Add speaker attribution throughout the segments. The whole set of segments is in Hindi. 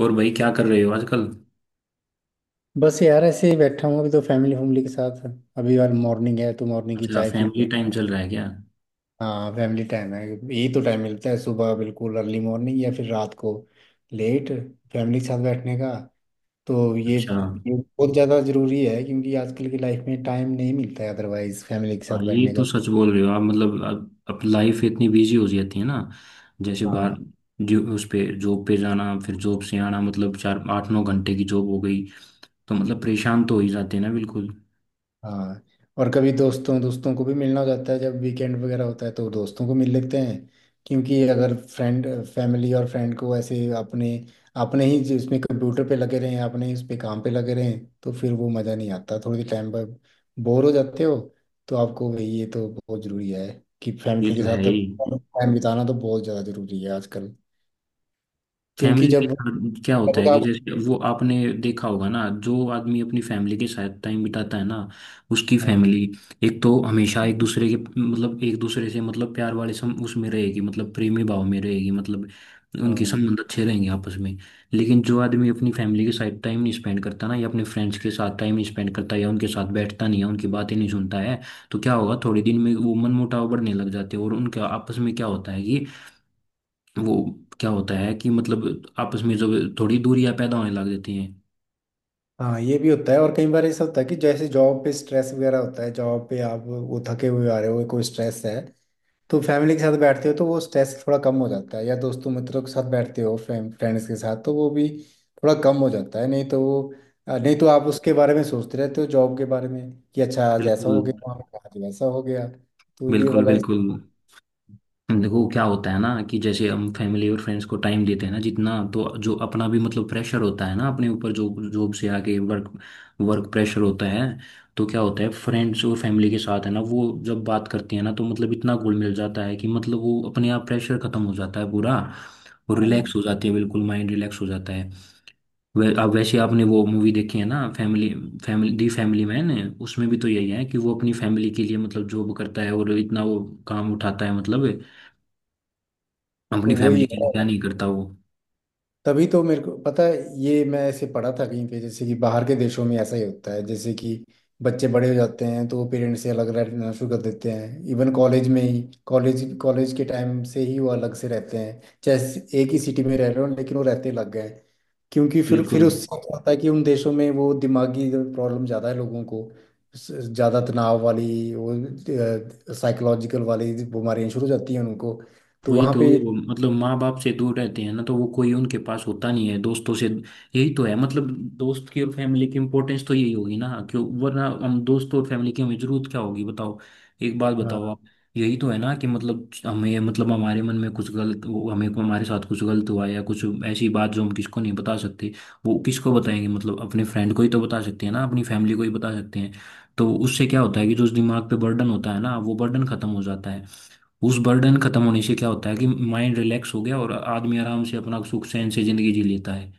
Speaker 1: और भाई क्या कर रहे हो आजकल।
Speaker 2: बस यार ऐसे ही बैठा हूँ अभी तो फैमिली फैमिली के साथ। अभी यार मॉर्निंग है तो मॉर्निंग की
Speaker 1: अच्छा,
Speaker 2: चाय चूर।
Speaker 1: फैमिली टाइम चल रहा है क्या।
Speaker 2: हाँ फैमिली टाइम है, यही तो टाइम मिलता है सुबह बिल्कुल अर्ली मॉर्निंग या फिर रात को लेट फैमिली के साथ बैठने का। तो ये
Speaker 1: अच्छा।
Speaker 2: ये बहुत ज़्यादा ज़रूरी है क्योंकि आजकल की लाइफ में टाइम नहीं मिलता है अदरवाइज फैमिली के
Speaker 1: हाँ,
Speaker 2: साथ
Speaker 1: ये
Speaker 2: बैठने का।
Speaker 1: तो सच बोल रहे हो आप। मतलब अब लाइफ इतनी बिजी हो जाती है ना। जैसे बाहर
Speaker 2: हाँ।
Speaker 1: जो उस पे जॉब पे जाना, फिर जॉब से आना, मतलब 4, 8, 9 घंटे की जॉब हो गई, तो मतलब परेशान तो हो ही जाते हैं ना। बिल्कुल।
Speaker 2: हाँ। और कभी दोस्तों दोस्तों को भी मिलना हो जाता है जब वीकेंड वगैरह होता है तो दोस्तों को मिल लेते हैं। क्योंकि अगर फ्रेंड फैमिली और फ्रेंड को ऐसे अपने अपने ही जिसमें कंप्यूटर पे लगे रहें अपने ही उस पे काम पे लगे रहें तो फिर वो मज़ा नहीं आता थोड़ी टाइम पर। बोर हो जाते हो। तो आपको वही ये तो बहुत ज़रूरी है कि
Speaker 1: ये
Speaker 2: फैमिली के
Speaker 1: तो है
Speaker 2: साथ
Speaker 1: ही।
Speaker 2: टाइम बिताना तो बहुत ज़्यादा ज़रूरी है आजकल। क्योंकि
Speaker 1: फैमिली के
Speaker 2: जब।
Speaker 1: साथ क्या होता
Speaker 2: जब
Speaker 1: है
Speaker 2: का।
Speaker 1: कि जैसे वो आपने देखा होगा ना, जो आदमी अपनी फैमिली के साथ टाइम बिताता है ना, उसकी
Speaker 2: हाँ।
Speaker 1: फैमिली एक तो हमेशा एक दूसरे के मतलब एक दूसरे से मतलब प्यार वाले सम उसमें रहेगी, मतलब प्रेमी भाव में रहेगी, मतलब उनके
Speaker 2: हाँ।
Speaker 1: संबंध अच्छे रहेंगे आपस में। लेकिन जो आदमी अपनी फैमिली के साथ टाइम नहीं स्पेंड करता ना, या अपने फ्रेंड्स के साथ टाइम नहीं स्पेंड करता, या उनके साथ बैठता नहीं है, उनकी बातें नहीं सुनता है, तो क्या होगा, थोड़े दिन में वो मनमुटाव बढ़ने लग जाते हैं, और उनका आपस में क्या होता है कि वो क्या होता है कि मतलब आपस में जो थोड़ी दूरियां पैदा होने लग जाती हैं।
Speaker 2: हाँ ये भी होता है और कई बार ऐसा होता है कि जैसे जॉब पे स्ट्रेस वगैरह होता है, जॉब पे आप वो थके हुए आ रहे हो, कोई स्ट्रेस है तो फैमिली के साथ बैठते हो तो वो स्ट्रेस थोड़ा कम हो जाता है, या दोस्तों मित्रों के साथ बैठते हो फ्रेंड्स के साथ तो वो भी थोड़ा कम हो जाता है। नहीं तो वो नहीं तो आप उसके बारे में सोचते रहते हो जॉब के बारे में कि अच्छा आज ऐसा
Speaker 1: बिल्कुल,
Speaker 2: हो गया वहाँ पे, आज वैसा हो गया। तो ये
Speaker 1: बिल्कुल,
Speaker 2: वाला
Speaker 1: बिल्कुल। देखो क्या होता है ना, कि जैसे हम फैमिली और फ्रेंड्स को टाइम देते हैं ना जितना, तो जो अपना भी मतलब प्रेशर होता है ना अपने ऊपर, जो जॉब से आके वर्क वर्क प्रेशर होता है, तो क्या होता है फ्रेंड्स और फैमिली के साथ है ना वो जब बात करती है ना, तो मतलब इतना घुल मिल जाता है कि मतलब वो अपने आप प्रेशर खत्म हो जाता है पूरा, और
Speaker 2: हाँ
Speaker 1: रिलैक्स हो जाती है, बिल्कुल माइंड रिलैक्स हो जाता है। अब वैसे आपने वो मूवी देखी है ना, family family the family man. उसमें भी तो यही है कि वो अपनी फैमिली के लिए मतलब जॉब करता है, और इतना वो काम उठाता है, मतलब अपनी
Speaker 2: तो
Speaker 1: फैमिली
Speaker 2: वही
Speaker 1: के लिए
Speaker 2: है।
Speaker 1: क्या नहीं करता वो।
Speaker 2: तभी तो मेरे को पता है, ये मैं ऐसे पढ़ा था कहीं पे जैसे कि बाहर के देशों में ऐसा ही होता है जैसे कि बच्चे बड़े हो जाते हैं तो वो पेरेंट्स से अलग रहना शुरू कर देते हैं। इवन कॉलेज में ही, कॉलेज कॉलेज के टाइम से ही वो अलग से रहते हैं, जैसे एक ही सिटी में रह रहे हो लेकिन वो रहते लग गए। क्योंकि फिर
Speaker 1: बिल्कुल।
Speaker 2: फिर उससे क्या होता है कि उन देशों में वो दिमागी प्रॉब्लम ज़्यादा है लोगों को, ज़्यादा तनाव वाली वो साइकोलॉजिकल वाली बीमारियाँ शुरू हो जाती हैं उनको। तो
Speaker 1: वही
Speaker 2: वहाँ
Speaker 1: तो,
Speaker 2: पे।
Speaker 1: मतलब माँ बाप से दूर रहते हैं ना, तो वो कोई उनके पास होता नहीं है दोस्तों से। यही तो है, मतलब दोस्त की और फैमिली की इम्पोर्टेंस तो यही होगी ना, क्यों, वरना हम दोस्त और फैमिली की हमें जरूरत क्या होगी बताओ। एक बात बताओ
Speaker 2: हाँ।
Speaker 1: आप। यही तो है ना कि मतलब हमें मतलब हमारे मन में कुछ गलत वो हमें हमारे साथ कुछ गलत हुआ या कुछ ऐसी बात जो हम किसको नहीं बता सकते, वो किसको बताएंगे, मतलब अपने फ्रेंड को ही तो बता सकते हैं ना, अपनी फैमिली को ही बता सकते हैं। तो उससे क्या होता है कि जो उस दिमाग पे बर्डन होता है ना, वो बर्डन खत्म हो जाता है। उस बर्डन खत्म होने से क्या होता है कि माइंड रिलैक्स हो गया, और आदमी आराम से अपना सुख चैन से जिंदगी जी लेता है।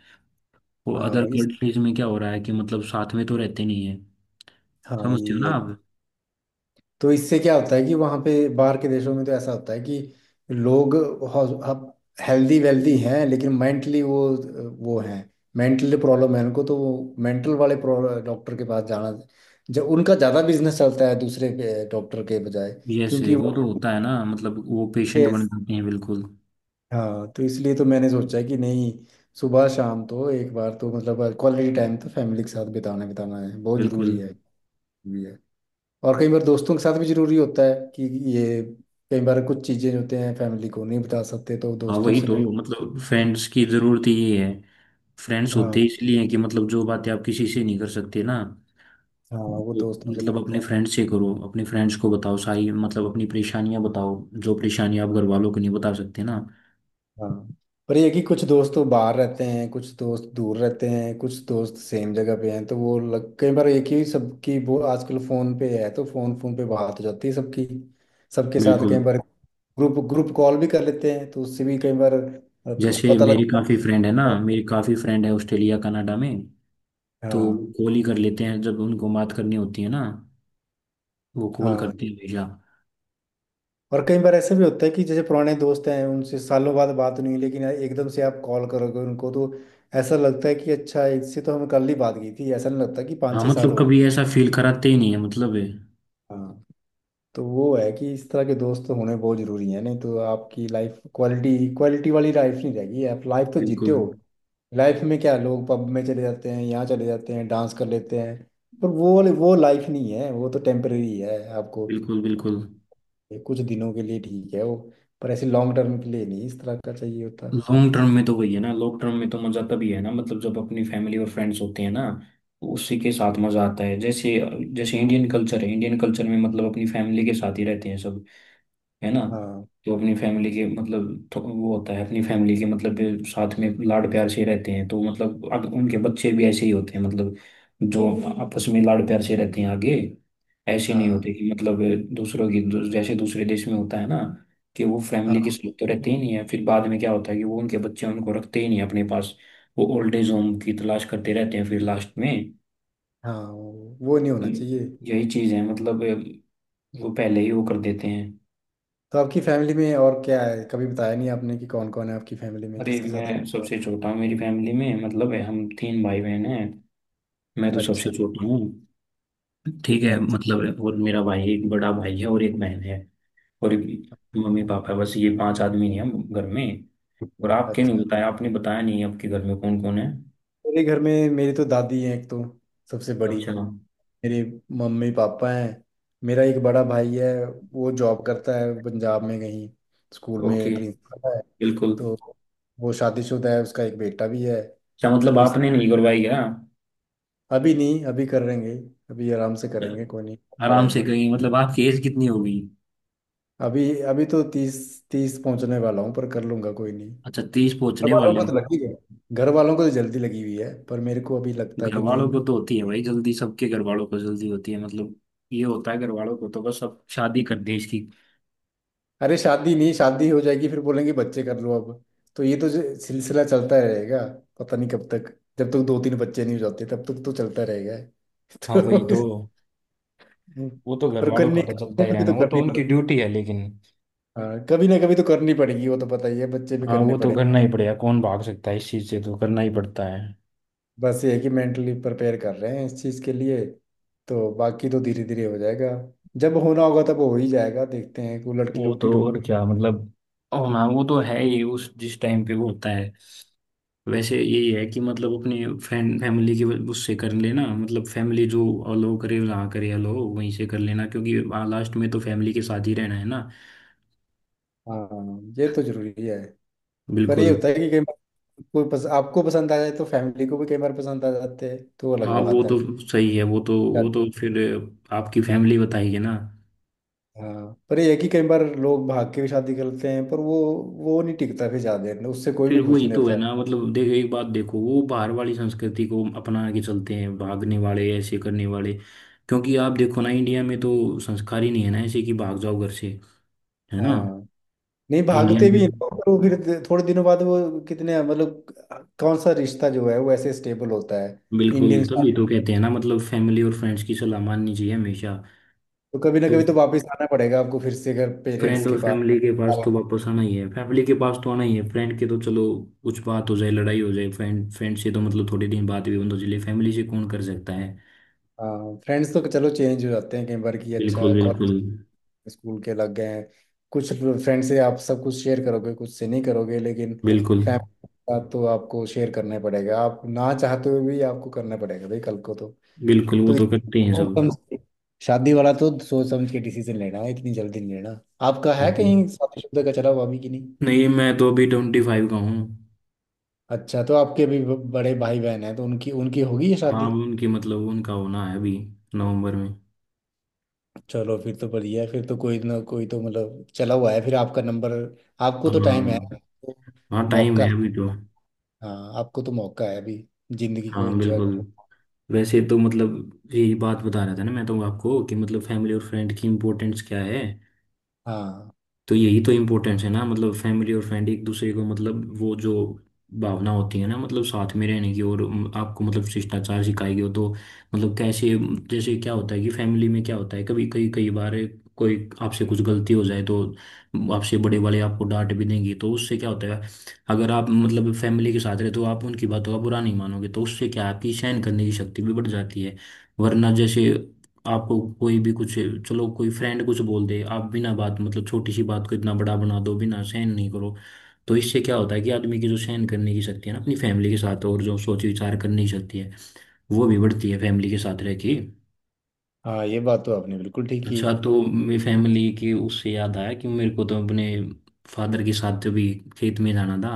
Speaker 1: और अदर
Speaker 2: हाँ। इस।
Speaker 1: कंट्रीज में क्या हो रहा है कि मतलब साथ में तो रहते नहीं है।
Speaker 2: हाँ
Speaker 1: समझते हो ना
Speaker 2: ये
Speaker 1: आप।
Speaker 2: तो। इससे क्या होता है कि वहाँ पे बाहर के देशों में तो ऐसा होता है कि लोग हेल्दी वेल्दी हैं लेकिन मेंटली वो हैं, मेंटली प्रॉब्लम है उनको, तो वो मेंटल वाले डॉक्टर के पास जाना, जब उनका ज़्यादा बिजनेस चलता है दूसरे डॉक्टर के बजाय।
Speaker 1: जैसे
Speaker 2: क्योंकि
Speaker 1: वो
Speaker 2: वो
Speaker 1: तो होता है ना, मतलब वो पेशेंट बन
Speaker 2: Yes।
Speaker 1: जाते हैं बिल्कुल।
Speaker 2: हाँ तो इसलिए तो मैंने सोचा कि नहीं, सुबह शाम तो एक बार तो मतलब क्वालिटी टाइम तो फैमिली के साथ बिताना बिताना है, बहुत
Speaker 1: बिल्कुल।
Speaker 2: ज़रूरी है। और कई बार दोस्तों के साथ भी जरूरी होता है कि ये कई बार कुछ चीजें होते हैं फैमिली को नहीं बता सकते तो
Speaker 1: हाँ
Speaker 2: दोस्तों
Speaker 1: वही
Speaker 2: से
Speaker 1: तो,
Speaker 2: मिल।
Speaker 1: मतलब फ्रेंड्स की जरूरत ही ये है। फ्रेंड्स होते
Speaker 2: हाँ।
Speaker 1: इसलिए हैं कि मतलब जो बातें आप किसी से नहीं कर सकते ना,
Speaker 2: हाँ वो
Speaker 1: वो
Speaker 2: दोस्तों से
Speaker 1: मतलब
Speaker 2: करते
Speaker 1: अपने
Speaker 2: हैं।
Speaker 1: फ्रेंड्स से करो, अपने फ्रेंड्स को बताओ सारी, मतलब अपनी परेशानियां बताओ, जो परेशानियां आप घर वालों को नहीं बता सकते ना।
Speaker 2: हाँ पर ये है कि कुछ दोस्त तो बाहर रहते हैं, कुछ दोस्त दूर रहते हैं, कुछ दोस्त सेम जगह पे हैं, तो वो कई बार एक ही सबकी वो आजकल फोन पे है तो फोन फोन पे बात हो जाती है सबकी, सबके साथ
Speaker 1: बिल्कुल।
Speaker 2: कई बार ग्रुप ग्रुप कॉल भी कर लेते हैं तो उससे भी कई बार
Speaker 1: जैसे
Speaker 2: पता
Speaker 1: मेरी
Speaker 2: लगता है।
Speaker 1: काफ़ी फ्रेंड है ना, मेरी काफ़ी फ्रेंड है ऑस्ट्रेलिया कनाडा में, तो
Speaker 2: हाँ।
Speaker 1: कॉल ही कर लेते हैं जब उनको बात करनी होती है ना, वो कॉल
Speaker 2: हाँ।
Speaker 1: करते हैं हमेशा।
Speaker 2: और कई बार ऐसे भी होता है कि जैसे पुराने दोस्त हैं, उनसे सालों बाद बात नहीं हुई, लेकिन एकदम से आप कॉल करोगे उनको तो ऐसा लगता है कि अच्छा इससे तो हमें कल ही बात की थी, ऐसा नहीं लगता कि पाँच
Speaker 1: हाँ,
Speaker 2: छः साल
Speaker 1: मतलब
Speaker 2: हो गए।
Speaker 1: कभी ऐसा फील कराते ही नहीं है मतलब है।
Speaker 2: हाँ तो वो है कि इस तरह के दोस्त तो होने बहुत ज़रूरी है, नहीं तो आपकी लाइफ क्वालिटी क्वालिटी वाली लाइफ नहीं रहेगी। आप लाइफ तो जीते
Speaker 1: बिल्कुल,
Speaker 2: हो, लाइफ में क्या, लोग पब में चले जाते हैं, यहाँ चले जाते हैं, डांस कर लेते हैं, पर वो लाइफ नहीं है, वो तो टेम्परेरी है आपको।
Speaker 1: बिल्कुल, बिल्कुल।
Speaker 2: ये कुछ दिनों के लिए ठीक है वो, पर ऐसे लॉन्ग टर्म के लिए नहीं, इस तरह का चाहिए होता।
Speaker 1: लॉन्ग टर्म में तो वही है ना, लॉन्ग टर्म में तो मज़ा तभी है ना मतलब जब अपनी फैमिली और फ्रेंड्स होते हैं ना, तो उसी के साथ मज़ा आता है। जैसे, जैसे इंडियन कल्चर है, इंडियन कल्चर में मतलब अपनी फैमिली के साथ ही रहते हैं सब, है ना।
Speaker 2: हाँ।
Speaker 1: जो अपनी फैमिली के मतलब, तो वो होता है अपनी फैमिली के मतलब साथ में लाड प्यार से रहते हैं, तो मतलब अब उनके बच्चे भी ऐसे ही होते हैं, मतलब जो आपस में लाड प्यार से रहते हैं आगे। ऐसे नहीं होते
Speaker 2: हाँ।
Speaker 1: कि मतलब जैसे दूसरे देश में होता है ना कि वो फैमिली के
Speaker 2: हाँ।
Speaker 1: साथ तो रहते ही नहीं है, फिर बाद में क्या होता है कि वो उनके बच्चे उनको रखते ही नहीं अपने पास, वो ओल्ड एज होम की तलाश करते रहते हैं फिर लास्ट में।
Speaker 2: हाँ वो नहीं
Speaker 1: तो
Speaker 2: होना चाहिए।
Speaker 1: यही चीज है मतलब, वो पहले ही वो कर देते हैं।
Speaker 2: तो आपकी फैमिली में और क्या है, कभी बताया नहीं आपने कि कौन कौन है आपकी फैमिली में,
Speaker 1: अरे
Speaker 2: किसके साथ
Speaker 1: मैं
Speaker 2: रहते हो।
Speaker 1: सबसे छोटा हूँ मेरी फैमिली में, मतलब है, हम तीन भाई बहन हैं। मैं तो
Speaker 2: अच्छा।
Speaker 1: सबसे छोटा हूँ। ठीक है
Speaker 2: अच्छा।
Speaker 1: मतलब, और मेरा भाई एक बड़ा भाई है, और एक बहन है, और मम्मी पापा, बस ये पांच आदमी हैं हम घर में। और आपके नहीं
Speaker 2: अच्छा
Speaker 1: बताया, आपने बताया नहीं आपके घर में कौन कौन है।
Speaker 2: मेरे घर में मेरी तो दादी है एक तो, सबसे बड़ी।
Speaker 1: अच्छा।
Speaker 2: मेरे मम्मी पापा हैं। मेरा एक बड़ा भाई है, वो जॉब करता है पंजाब में कहीं, स्कूल में
Speaker 1: ओके,
Speaker 2: प्रिंसिपल है।
Speaker 1: बिल्कुल।
Speaker 2: तो वो शादीशुदा है, उसका एक बेटा भी है।
Speaker 1: अच्छा, मतलब
Speaker 2: तो इस
Speaker 1: आपने नहीं करवाई क्या।
Speaker 2: अभी नहीं, अभी करेंगे, अभी आराम से करेंगे, कोई नहीं पड़ा
Speaker 1: आराम
Speaker 2: है
Speaker 1: से
Speaker 2: अभी।
Speaker 1: कहीं, मतलब आपकी एज कितनी होगी।
Speaker 2: अभी अभी तो तीस तीस पहुंचने वाला हूँ, पर कर लूंगा कोई नहीं।
Speaker 1: अच्छा,
Speaker 2: घर
Speaker 1: 30 पहुंचने
Speaker 2: वालों को
Speaker 1: वाले
Speaker 2: तो
Speaker 1: हो।
Speaker 2: लगी है, घर वालों को तो जल्दी लगी हुई है पर मेरे को अभी लगता है
Speaker 1: घर
Speaker 2: कि
Speaker 1: वालों
Speaker 2: नहीं।
Speaker 1: को तो होती है भाई जल्दी, सबके घर वालों को जल्दी होती है, मतलब ये होता है घर वालों को तो बस अब शादी कर दी इसकी।
Speaker 2: अरे शादी नहीं, शादी हो जाएगी फिर बोलेंगे बच्चे कर लो अब। तो ये तो जो सिलसिला चलता रहेगा, पता नहीं कब तक। जब तक दो तीन बच्चे नहीं हो जाते तब तक तो चलता रहेगा
Speaker 1: हाँ वही तो,
Speaker 2: तो
Speaker 1: वो तो घर
Speaker 2: पर
Speaker 1: वालों
Speaker 2: करनी
Speaker 1: का तो चलता
Speaker 2: कभी
Speaker 1: ही
Speaker 2: ना कभी
Speaker 1: रहना,
Speaker 2: तो
Speaker 1: वो तो
Speaker 2: करनी
Speaker 1: उनकी
Speaker 2: पड़ेगी।
Speaker 1: ड्यूटी है लेकिन।
Speaker 2: हाँ कभी ना कभी तो करनी पड़ेगी, वो तो पता ही है, बच्चे भी
Speaker 1: हाँ,
Speaker 2: करने
Speaker 1: वो तो
Speaker 2: पड़े।
Speaker 1: करना ही पड़ेगा, कौन भाग सकता है इस चीज से, तो करना ही पड़ता है।
Speaker 2: बस ये है कि मेंटली प्रिपेयर कर रहे हैं इस चीज़ के लिए, तो बाकी तो धीरे धीरे हो जाएगा। जब होना होगा तब हो ही जाएगा, देखते हैं कोई लड़की
Speaker 1: वो तो
Speaker 2: लुड़की
Speaker 1: और
Speaker 2: ढूंढेंगे।
Speaker 1: क्या मतलब, और हाँ वो तो है ही, उस जिस टाइम पे वो होता है। वैसे यही है कि मतलब अपने फैन फैमिली की वजह- उससे कर लेना, मतलब फैमिली जो अलो करे जहाँ करे अलो वहीं से कर लेना, क्योंकि हाँ, लास्ट में तो फैमिली के साथ ही रहना है ना।
Speaker 2: हाँ ये तो जरूरी है। पर ये
Speaker 1: बिल्कुल।
Speaker 2: होता है कि कई बार कोई आपको पसंद आ जाए तो फैमिली को भी कई बार पसंद आ जाते हैं तो वो अलग
Speaker 1: हाँ, वो
Speaker 2: बात है।
Speaker 1: तो सही है, वो
Speaker 2: यार,
Speaker 1: तो फिर आपकी फैमिली बताएगी ना।
Speaker 2: हाँ पर ये है कि कई बार लोग भाग के भी शादी करते हैं पर वो नहीं टिकता फिर ज्यादा देर, उससे कोई
Speaker 1: फिर
Speaker 2: भी खुश
Speaker 1: वही
Speaker 2: नहीं
Speaker 1: तो है
Speaker 2: रहता।
Speaker 1: ना, मतलब देखो एक बात देखो, वो बाहर वाली संस्कृति को अपना के चलते हैं भागने वाले, ऐसे करने वाले, क्योंकि आप देखो ना इंडिया में तो संस्कार ही नहीं है ना ऐसे कि भाग जाओ घर से, है ना।
Speaker 2: हाँ नहीं
Speaker 1: इंडिया
Speaker 2: भागते भी हैं
Speaker 1: में
Speaker 2: लोग, पर वो फिर थोड़े दिनों बाद वो कितने मतलब कौन सा रिश्ता जो है वो ऐसे स्टेबल होता है।
Speaker 1: बिल्कुल,
Speaker 2: इंडियन
Speaker 1: तभी तो
Speaker 2: स्टाइल।
Speaker 1: कहते हैं ना, मतलब फैमिली और फ्रेंड्स की सलाह माननी चाहिए हमेशा।
Speaker 2: तो कभी ना
Speaker 1: तो
Speaker 2: कभी तो वापस आना पड़ेगा आपको फिर से घर पेरेंट्स
Speaker 1: फ्रेंड
Speaker 2: के
Speaker 1: और
Speaker 2: पास।
Speaker 1: फैमिली के पास तो वापस आना ही है, फैमिली के पास तो आना ही है, फ्रेंड के तो चलो कुछ बात हो जाए, लड़ाई हो जाए फ्रेंड फ्रेंड से तो मतलब थोड़े दिन बाद भी बंद चले, फैमिली से कौन कर सकता है।
Speaker 2: हाँ फ्रेंड्स तो चलो चेंज हो जाते हैं कई बार कि अच्छा
Speaker 1: बिल्कुल,
Speaker 2: कॉलेज
Speaker 1: बिल्कुल।
Speaker 2: स्कूल के लग गए हैं कुछ। फ्रेंड से आप सब कुछ शेयर करोगे, कुछ से नहीं करोगे, लेकिन
Speaker 1: बिल्कुल,
Speaker 2: फैमिली के साथ तो आपको शेयर करना ही पड़ेगा, आप ना चाहते हुए भी आपको करना पड़ेगा भाई कल को तो।
Speaker 1: बिल्कुल, वो
Speaker 2: तो
Speaker 1: तो करते हैं
Speaker 2: इसको
Speaker 1: सब।
Speaker 2: कम से शादी वाला तो सोच समझ के डिसीजन लेना है, इतनी जल्दी नहीं लेना। आपका है
Speaker 1: बिल्कुल।
Speaker 2: कहीं शादीशुदा का चला हुआ अभी कि नहीं।
Speaker 1: नहीं, मैं तो अभी 25 का हूँ।
Speaker 2: अच्छा तो आपके भी बड़े भाई बहन हैं तो उनकी उनकी होगी ये
Speaker 1: हाँ,
Speaker 2: शादी।
Speaker 1: उनकी मतलब उनका होना है अभी नवंबर में।
Speaker 2: चलो फिर तो बढ़िया है, फिर तो कोई ना कोई तो मतलब चला हुआ है, फिर आपका नंबर। आपको तो टाइम है
Speaker 1: हाँ,
Speaker 2: तो
Speaker 1: हाँ टाइम
Speaker 2: मौका
Speaker 1: है
Speaker 2: है।
Speaker 1: अभी तो।
Speaker 2: हाँ आपको तो मौका है अभी, जिंदगी को
Speaker 1: हाँ
Speaker 2: एंजॉय कर।
Speaker 1: बिल्कुल। वैसे तो मतलब यही बात बता रहा था ना मैं तो आपको कि मतलब फैमिली और फ्रेंड की इम्पोर्टेंस क्या है,
Speaker 2: हाँ।
Speaker 1: तो यही तो इम्पोर्टेंस है ना, मतलब फैमिली और फ्रेंड एक दूसरे को, मतलब वो जो भावना होती है ना, मतलब साथ में रहने की, और आपको मतलब शिष्टाचार सिखाई गई हो तो मतलब कैसे, जैसे क्या होता है कि फैमिली में क्या होता है, कभी कई कई बार कोई आपसे कुछ गलती हो जाए तो आपसे बड़े वाले आपको डांट भी देंगे, तो उससे क्या होता है, अगर आप मतलब फैमिली के साथ रहे तो आप उनकी बातों का बुरा नहीं मानोगे, तो उससे क्या है, आपकी सहन करने की शक्ति भी बढ़ जाती है। वरना जैसे आपको कोई भी कुछ, चलो कोई फ्रेंड कुछ बोल दे, आप बिना बात मतलब छोटी सी बात को इतना बड़ा बना दो, बिना सहन नहीं करो, तो इससे क्या होता है कि आदमी की जो सहन करने की शक्ति है ना अपनी फैमिली के साथ, और जो सोच विचार करने की शक्ति है, वो भी बढ़ती है फैमिली के साथ रह के।
Speaker 2: हाँ ये बात तो आपने बिल्कुल ठीक की।
Speaker 1: अच्छा, तो मेरी फैमिली की उससे याद आया कि मेरे को तो अपने फादर के साथ भी खेत में जाना था,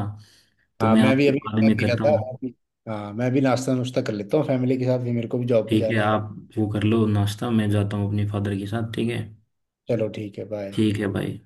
Speaker 1: तो
Speaker 2: हाँ
Speaker 1: मैं
Speaker 2: मैं भी
Speaker 1: आपको
Speaker 2: अभी
Speaker 1: बाद
Speaker 2: चाय
Speaker 1: में
Speaker 2: पी रहा
Speaker 1: करता
Speaker 2: था
Speaker 1: हूँ।
Speaker 2: हाँ मैं भी नाश्ता नुश्ता कर लेता हूँ, फैमिली के साथ भी मेरे को भी जॉब पे
Speaker 1: ठीक है,
Speaker 2: जाना है।
Speaker 1: आप वो कर लो नाश्ता, मैं जाता हूँ अपने फादर के साथ, ठीक है।
Speaker 2: चलो ठीक है, बाय।
Speaker 1: ठीक है भाई।